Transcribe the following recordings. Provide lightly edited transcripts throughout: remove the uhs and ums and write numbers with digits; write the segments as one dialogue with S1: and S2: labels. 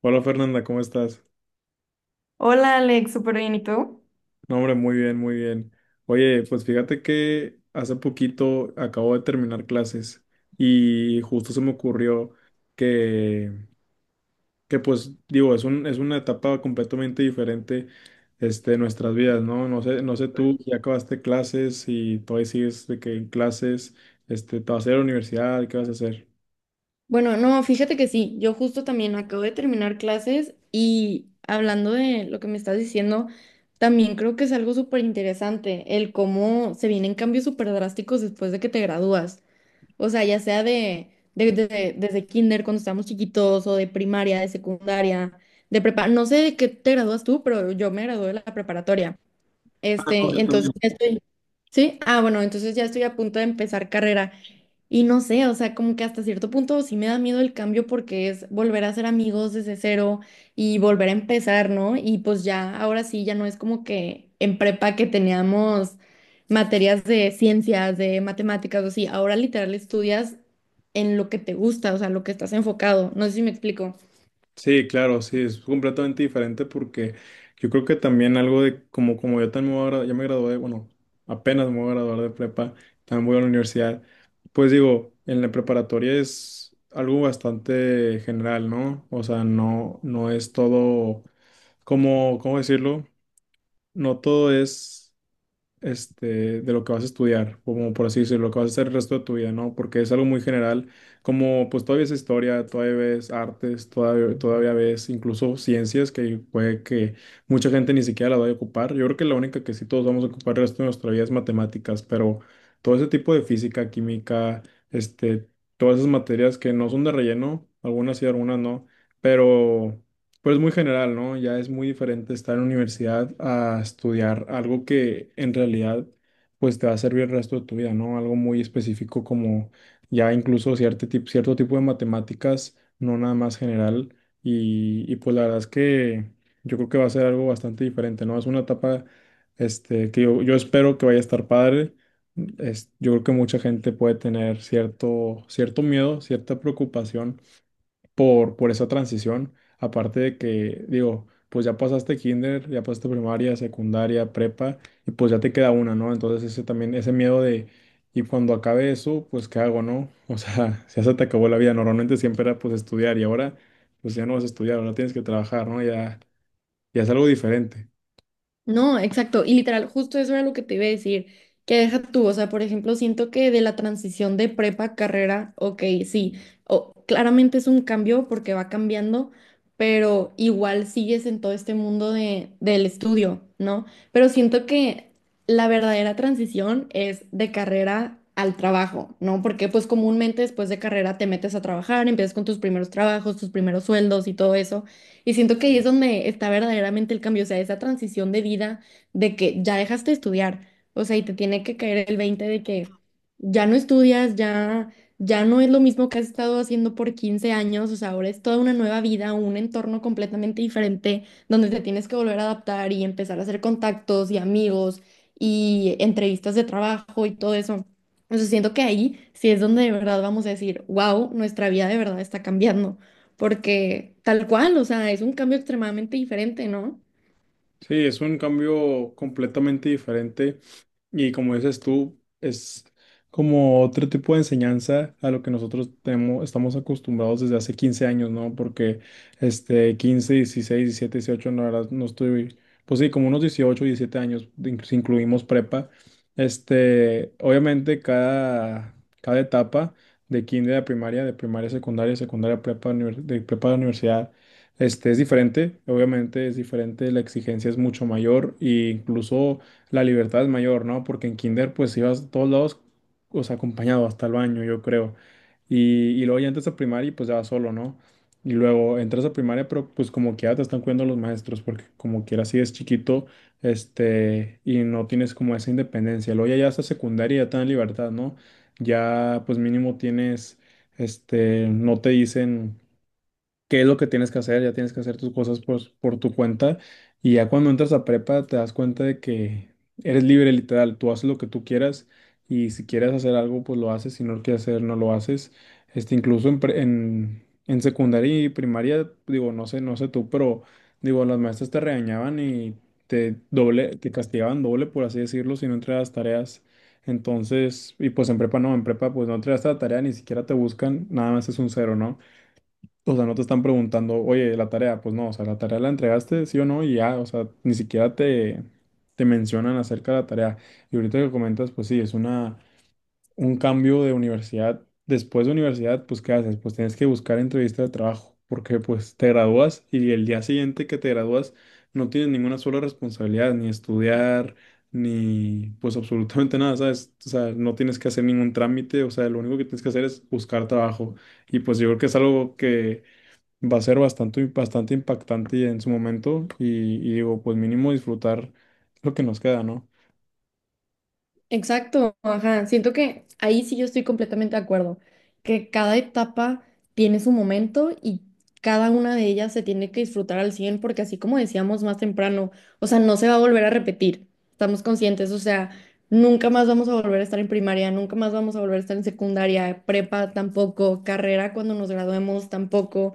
S1: Hola Fernanda, ¿cómo estás?
S2: Hola Alex, súper bien, ¿y tú?
S1: No, hombre, muy bien, muy bien. Oye, pues fíjate que hace poquito acabo de terminar clases y justo se me ocurrió que, que pues digo, es es una etapa completamente diferente de nuestras vidas, ¿no? No sé, no sé tú, si ya acabaste clases y todavía sigues de que en clases, te vas a ir a la universidad, ¿qué vas a hacer?
S2: Bueno, no, fíjate que sí, yo justo también acabo de terminar clases y hablando de lo que me estás diciendo, también creo que es algo súper interesante el cómo se vienen cambios súper drásticos después de que te gradúas. O sea, ya sea desde kinder cuando estábamos chiquitos o de primaria, de secundaria, de prepa, no sé de qué te gradúas tú, pero yo me gradué de la preparatoria. Entonces ya estoy, ¿sí? Ah, bueno, entonces ya estoy a punto de empezar carrera. Y no sé, o sea, como que hasta cierto punto sí me da miedo el cambio porque es volver a ser amigos desde cero y volver a empezar, ¿no? Y pues ya, ahora sí, ya no es como que en prepa que teníamos materias de ciencias, de matemáticas o así, ahora literal estudias en lo que te gusta, o sea, lo que estás enfocado. No sé si me explico.
S1: Sí, claro, sí, es completamente diferente porque yo creo que también algo de como yo también me voy a ya me gradué, bueno, apenas me voy a graduar de prepa, también voy a la universidad, pues digo, en la preparatoria es algo bastante general, ¿no? O sea, no es todo, ¿cómo decirlo? No todo es de lo que vas a estudiar, como por así decirlo, lo que vas a hacer el resto de tu vida, ¿no? Porque es algo muy general, como pues todavía es historia, todavía ves artes, todavía ves incluso ciencias que puede que mucha gente ni siquiera la vaya a ocupar. Yo creo que la única que sí todos vamos a ocupar el resto de nuestra vida es matemáticas, pero todo ese tipo de física, química, este, todas esas materias que no son de relleno, algunas sí, algunas no, pero... Pues muy general, ¿no? Ya es muy diferente estar en la universidad a estudiar algo que en realidad pues te va a servir el resto de tu vida, ¿no? Algo muy específico como ya incluso cierto tipo de matemáticas, no nada más general. Y pues la verdad es que yo creo que va a ser algo bastante diferente, ¿no? Es una etapa que yo espero que vaya a estar padre. Es, yo creo que mucha gente puede tener cierto miedo, cierta preocupación por esa transición. Aparte de que, digo, pues ya pasaste kinder, ya pasaste primaria, secundaria, prepa, y pues ya te queda una, ¿no? Entonces ese también, ese miedo de, y cuando acabe eso, pues ¿qué hago, no? O sea, ya se te acabó la vida. Normalmente siempre era pues estudiar y ahora pues ya no vas a estudiar, ahora tienes que trabajar, ¿no? Ya, ya es algo diferente.
S2: No, exacto. Y literal, justo eso era lo que te iba a decir. Que deja tú, o sea, por ejemplo, siento que de la transición de prepa a carrera, ok, sí, o claramente es un cambio porque va cambiando, pero igual sigues en todo este mundo del estudio, ¿no? Pero siento que la verdadera transición es de carrera al trabajo, ¿no? Porque pues comúnmente después de carrera te metes a trabajar, empiezas con tus primeros trabajos, tus primeros sueldos y todo eso. Y siento que ahí es donde está verdaderamente el cambio, o sea, esa transición de vida de que ya dejaste de estudiar, o sea, y te tiene que caer el 20 de que ya no estudias, ya, ya no es lo mismo que has estado haciendo por 15 años, o sea, ahora es toda una nueva vida, un entorno completamente diferente, donde te tienes que volver a adaptar y empezar a hacer contactos y amigos y entrevistas de trabajo y todo eso. Entonces siento que ahí sí es donde de verdad vamos a decir, wow, nuestra vida de verdad está cambiando porque tal cual, o sea, es un cambio extremadamente diferente, ¿no?
S1: Sí, es un cambio completamente diferente. Y como dices tú, es como otro tipo de enseñanza a lo que nosotros tenemos, estamos acostumbrados desde hace 15 años, ¿no? Porque 15 16 17 18 no, la verdad, no estoy, pues sí, como unos 18 17 años, de si incluimos prepa. Este, obviamente cada etapa de kinder a primaria, de primaria a secundaria, secundaria a prepa, de prepa a la universidad, es diferente. Obviamente es diferente, la exigencia es mucho mayor e incluso la libertad es mayor, ¿no? Porque en kinder pues ibas a todos lados, o sea, acompañado hasta el baño, yo creo. Y luego ya entras a primaria y pues ya vas solo, ¿no? Y luego entras a primaria, pero pues como que ya te están cuidando los maestros, porque como quiera si es chiquito, y no tienes como esa independencia. Luego ya hasta secundaria ya te dan libertad, ¿no? Ya pues mínimo tienes, no te dicen qué es lo que tienes que hacer, ya tienes que hacer tus cosas por tu cuenta y ya cuando entras a prepa te das cuenta de que eres libre literal, tú haces lo que tú quieras y si quieres hacer algo pues lo haces, si no lo quieres hacer no lo haces. Este, incluso en secundaria y primaria, digo, no sé, no sé tú, pero digo, las maestras te regañaban y te castigaban doble, por así decirlo, si no entregabas tareas. Entonces, y pues en prepa no, en prepa pues no entregas la tarea, ni siquiera te buscan, nada más es un cero, ¿no? O sea, no te están preguntando, oye, la tarea, pues no, o sea, la tarea la entregaste, sí o no, y ya, o sea, ni siquiera te mencionan acerca de la tarea. Y ahorita que comentas, pues sí, es un cambio de universidad. Después de universidad, pues ¿qué haces? Pues tienes que buscar entrevista de trabajo, porque pues te gradúas y el día siguiente que te gradúas no tienes ninguna sola responsabilidad, ni estudiar, ni pues absolutamente nada, ¿sabes? O sea, no tienes que hacer ningún trámite, o sea, lo único que tienes que hacer es buscar trabajo. Y pues yo creo que es algo que va a ser bastante impactante en su momento y digo, pues mínimo disfrutar lo que nos queda, ¿no?
S2: Exacto, ajá. Siento que ahí sí yo estoy completamente de acuerdo, que cada etapa tiene su momento y cada una de ellas se tiene que disfrutar al 100 porque así como decíamos más temprano, o sea, no se va a volver a repetir, estamos conscientes, o sea, nunca más vamos a volver a estar en primaria, nunca más vamos a volver a estar en secundaria, prepa tampoco, carrera cuando nos graduemos tampoco,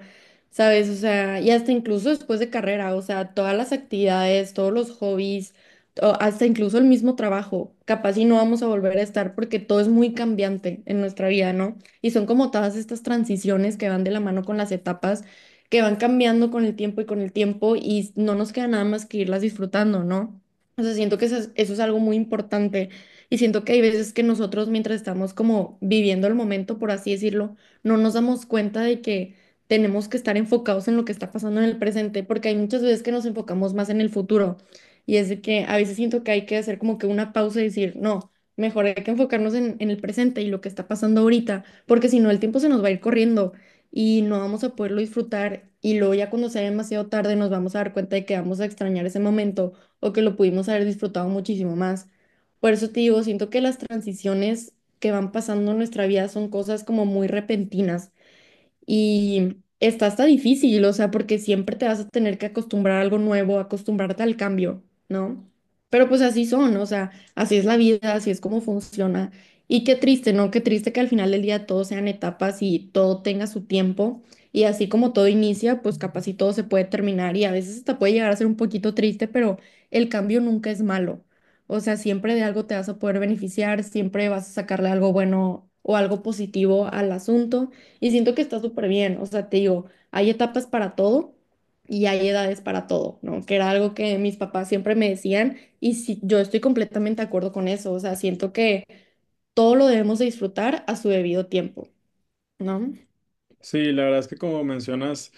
S2: ¿sabes? O sea, y hasta incluso después de carrera, o sea, todas las actividades, todos los hobbies o hasta incluso el mismo trabajo, capaz y no vamos a volver a estar porque todo es muy cambiante en nuestra vida, ¿no? Y son como todas estas transiciones que van de la mano con las etapas, que van cambiando con el tiempo y con el tiempo y no nos queda nada más que irlas disfrutando, ¿no? O sea, siento que eso es algo muy importante y siento que hay veces que nosotros mientras estamos como viviendo el momento, por así decirlo, no nos damos cuenta de que tenemos que estar enfocados en lo que está pasando en el presente, porque hay muchas veces que nos enfocamos más en el futuro y es de que a veces siento que hay que hacer como que una pausa y decir, no, mejor hay que enfocarnos en el presente y lo que está pasando ahorita, porque si no el tiempo se nos va a ir corriendo y no vamos a poderlo disfrutar y luego ya cuando sea demasiado tarde nos vamos a dar cuenta de que vamos a extrañar ese momento o que lo pudimos haber disfrutado muchísimo más. Por eso te digo, siento que las transiciones que van pasando en nuestra vida son cosas como muy repentinas y está hasta difícil, o sea, porque siempre te vas a tener que acostumbrar a algo nuevo, acostumbrarte al cambio, ¿no? Pero pues así son, o sea, así es la vida, así es como funciona. Y qué triste, ¿no? Qué triste que al final del día todo sean etapas y todo tenga su tiempo. Y así como todo inicia, pues capaz y todo se puede terminar y a veces hasta puede llegar a ser un poquito triste, pero el cambio nunca es malo. O sea, siempre de algo te vas a poder beneficiar, siempre vas a sacarle algo bueno o algo positivo al asunto. Y siento que está súper bien, o sea, te digo, hay etapas para todo y hay edades para todo, ¿no? Que era algo que mis papás siempre me decían y sí, yo estoy completamente de acuerdo con eso, o sea, siento que todo lo debemos de disfrutar a su debido tiempo, ¿no?
S1: Sí, la verdad es que como mencionas,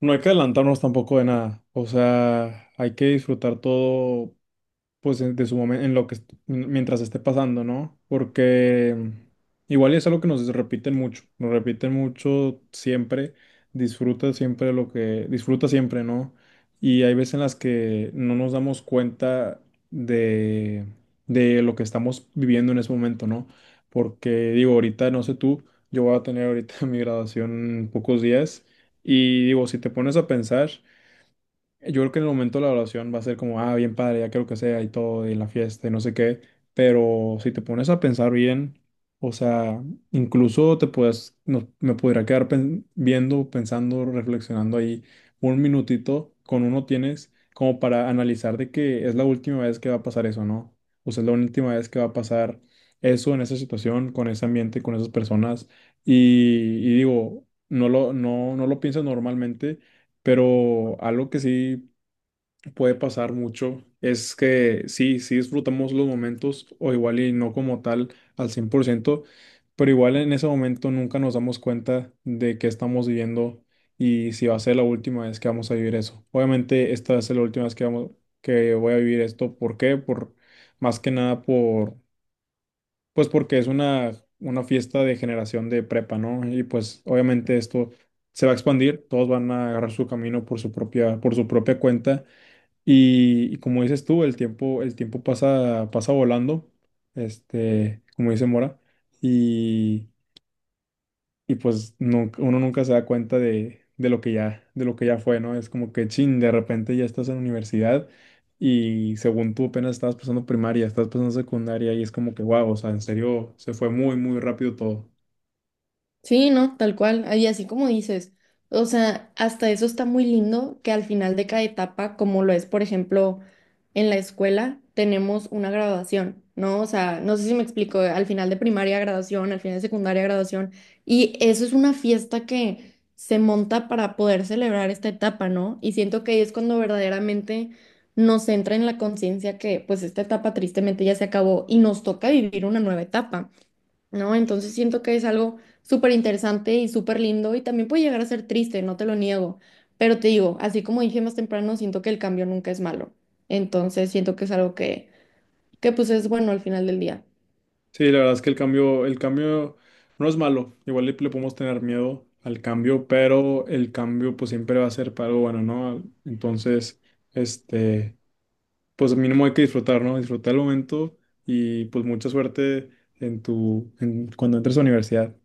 S1: no hay que adelantarnos tampoco de nada, o sea, hay que disfrutar todo pues de su momento, en lo que, mientras esté pasando, ¿no? Porque igual es algo que nos repiten mucho siempre, disfruta siempre lo que, disfruta siempre, ¿no? Y hay veces en las que no nos damos cuenta de, de lo que estamos viviendo en ese momento, ¿no? Porque digo, ahorita, no sé tú, yo voy a tener ahorita mi graduación en pocos días y digo, si te pones a pensar, yo creo que en el momento de la oración va a ser como, ah, bien padre, ya quiero que sea y todo, y la fiesta y no sé qué, pero si te pones a pensar bien, o sea, incluso te puedes, no- me pudiera quedar viendo, pensando, reflexionando ahí un minutito, con uno tienes como para analizar de que es la última vez que va a pasar eso, ¿no? O sea, es la última vez que va a pasar eso en esa situación, con ese ambiente, con esas personas, y, y digo, no lo piensas normalmente. Pero algo que sí puede pasar mucho es que sí disfrutamos los momentos o igual y no como tal al 100% pero igual en ese momento nunca nos damos cuenta de que estamos viviendo y si va a ser la última vez que vamos a vivir eso. Obviamente esta va a ser la última vez que que voy a vivir esto. ¿Por qué? Por más que nada pues porque es una fiesta de generación de prepa, ¿no? Y pues obviamente esto se va a expandir, todos van a agarrar su camino por su por su propia cuenta y como dices tú, el tiempo pasa, pasa volando, como dice Mora, y, y pues uno nunca se da cuenta de lo que de lo que ya fue, ¿no? Es como que chin, de repente ya estás en universidad y según tú apenas estabas pasando primaria, estás pasando secundaria y es como que wow, o sea, en serio, se fue muy rápido todo.
S2: Sí, no, tal cual. Y así como dices, o sea, hasta eso está muy lindo que al final de cada etapa, como lo es, por ejemplo, en la escuela, tenemos una graduación, ¿no? O sea, no sé si me explico, al final de primaria graduación, al final de secundaria graduación, y eso es una fiesta que se monta para poder celebrar esta etapa, ¿no? Y siento que ahí es cuando verdaderamente nos entra en la conciencia que pues esta etapa tristemente ya se acabó y nos toca vivir una nueva etapa. ¿No? Entonces siento que es algo súper interesante y súper lindo y también puede llegar a ser triste, no te lo niego, pero te digo, así como dije más temprano, siento que el cambio nunca es malo, entonces siento que es algo que pues es bueno al final del día.
S1: Sí, la verdad es que el cambio no es malo. Igual le podemos tener miedo al cambio, pero el cambio pues siempre va a ser para algo bueno, ¿no? Entonces, este, pues mínimo hay que disfrutar, ¿no? Disfrutar el momento y pues mucha suerte en cuando entres a la universidad.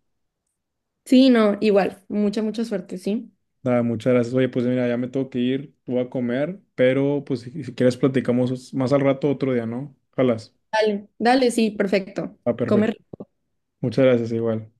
S2: Sí, no, igual, mucha, mucha suerte, ¿sí?
S1: Nada, muchas gracias. Oye, pues mira, ya me tengo que ir, voy a comer, pero pues si quieres platicamos más al rato otro día, ¿no? Ojalá.
S2: Dale, dale, sí, perfecto.
S1: Ah, perfecto.
S2: Come
S1: Muchas gracias, igual.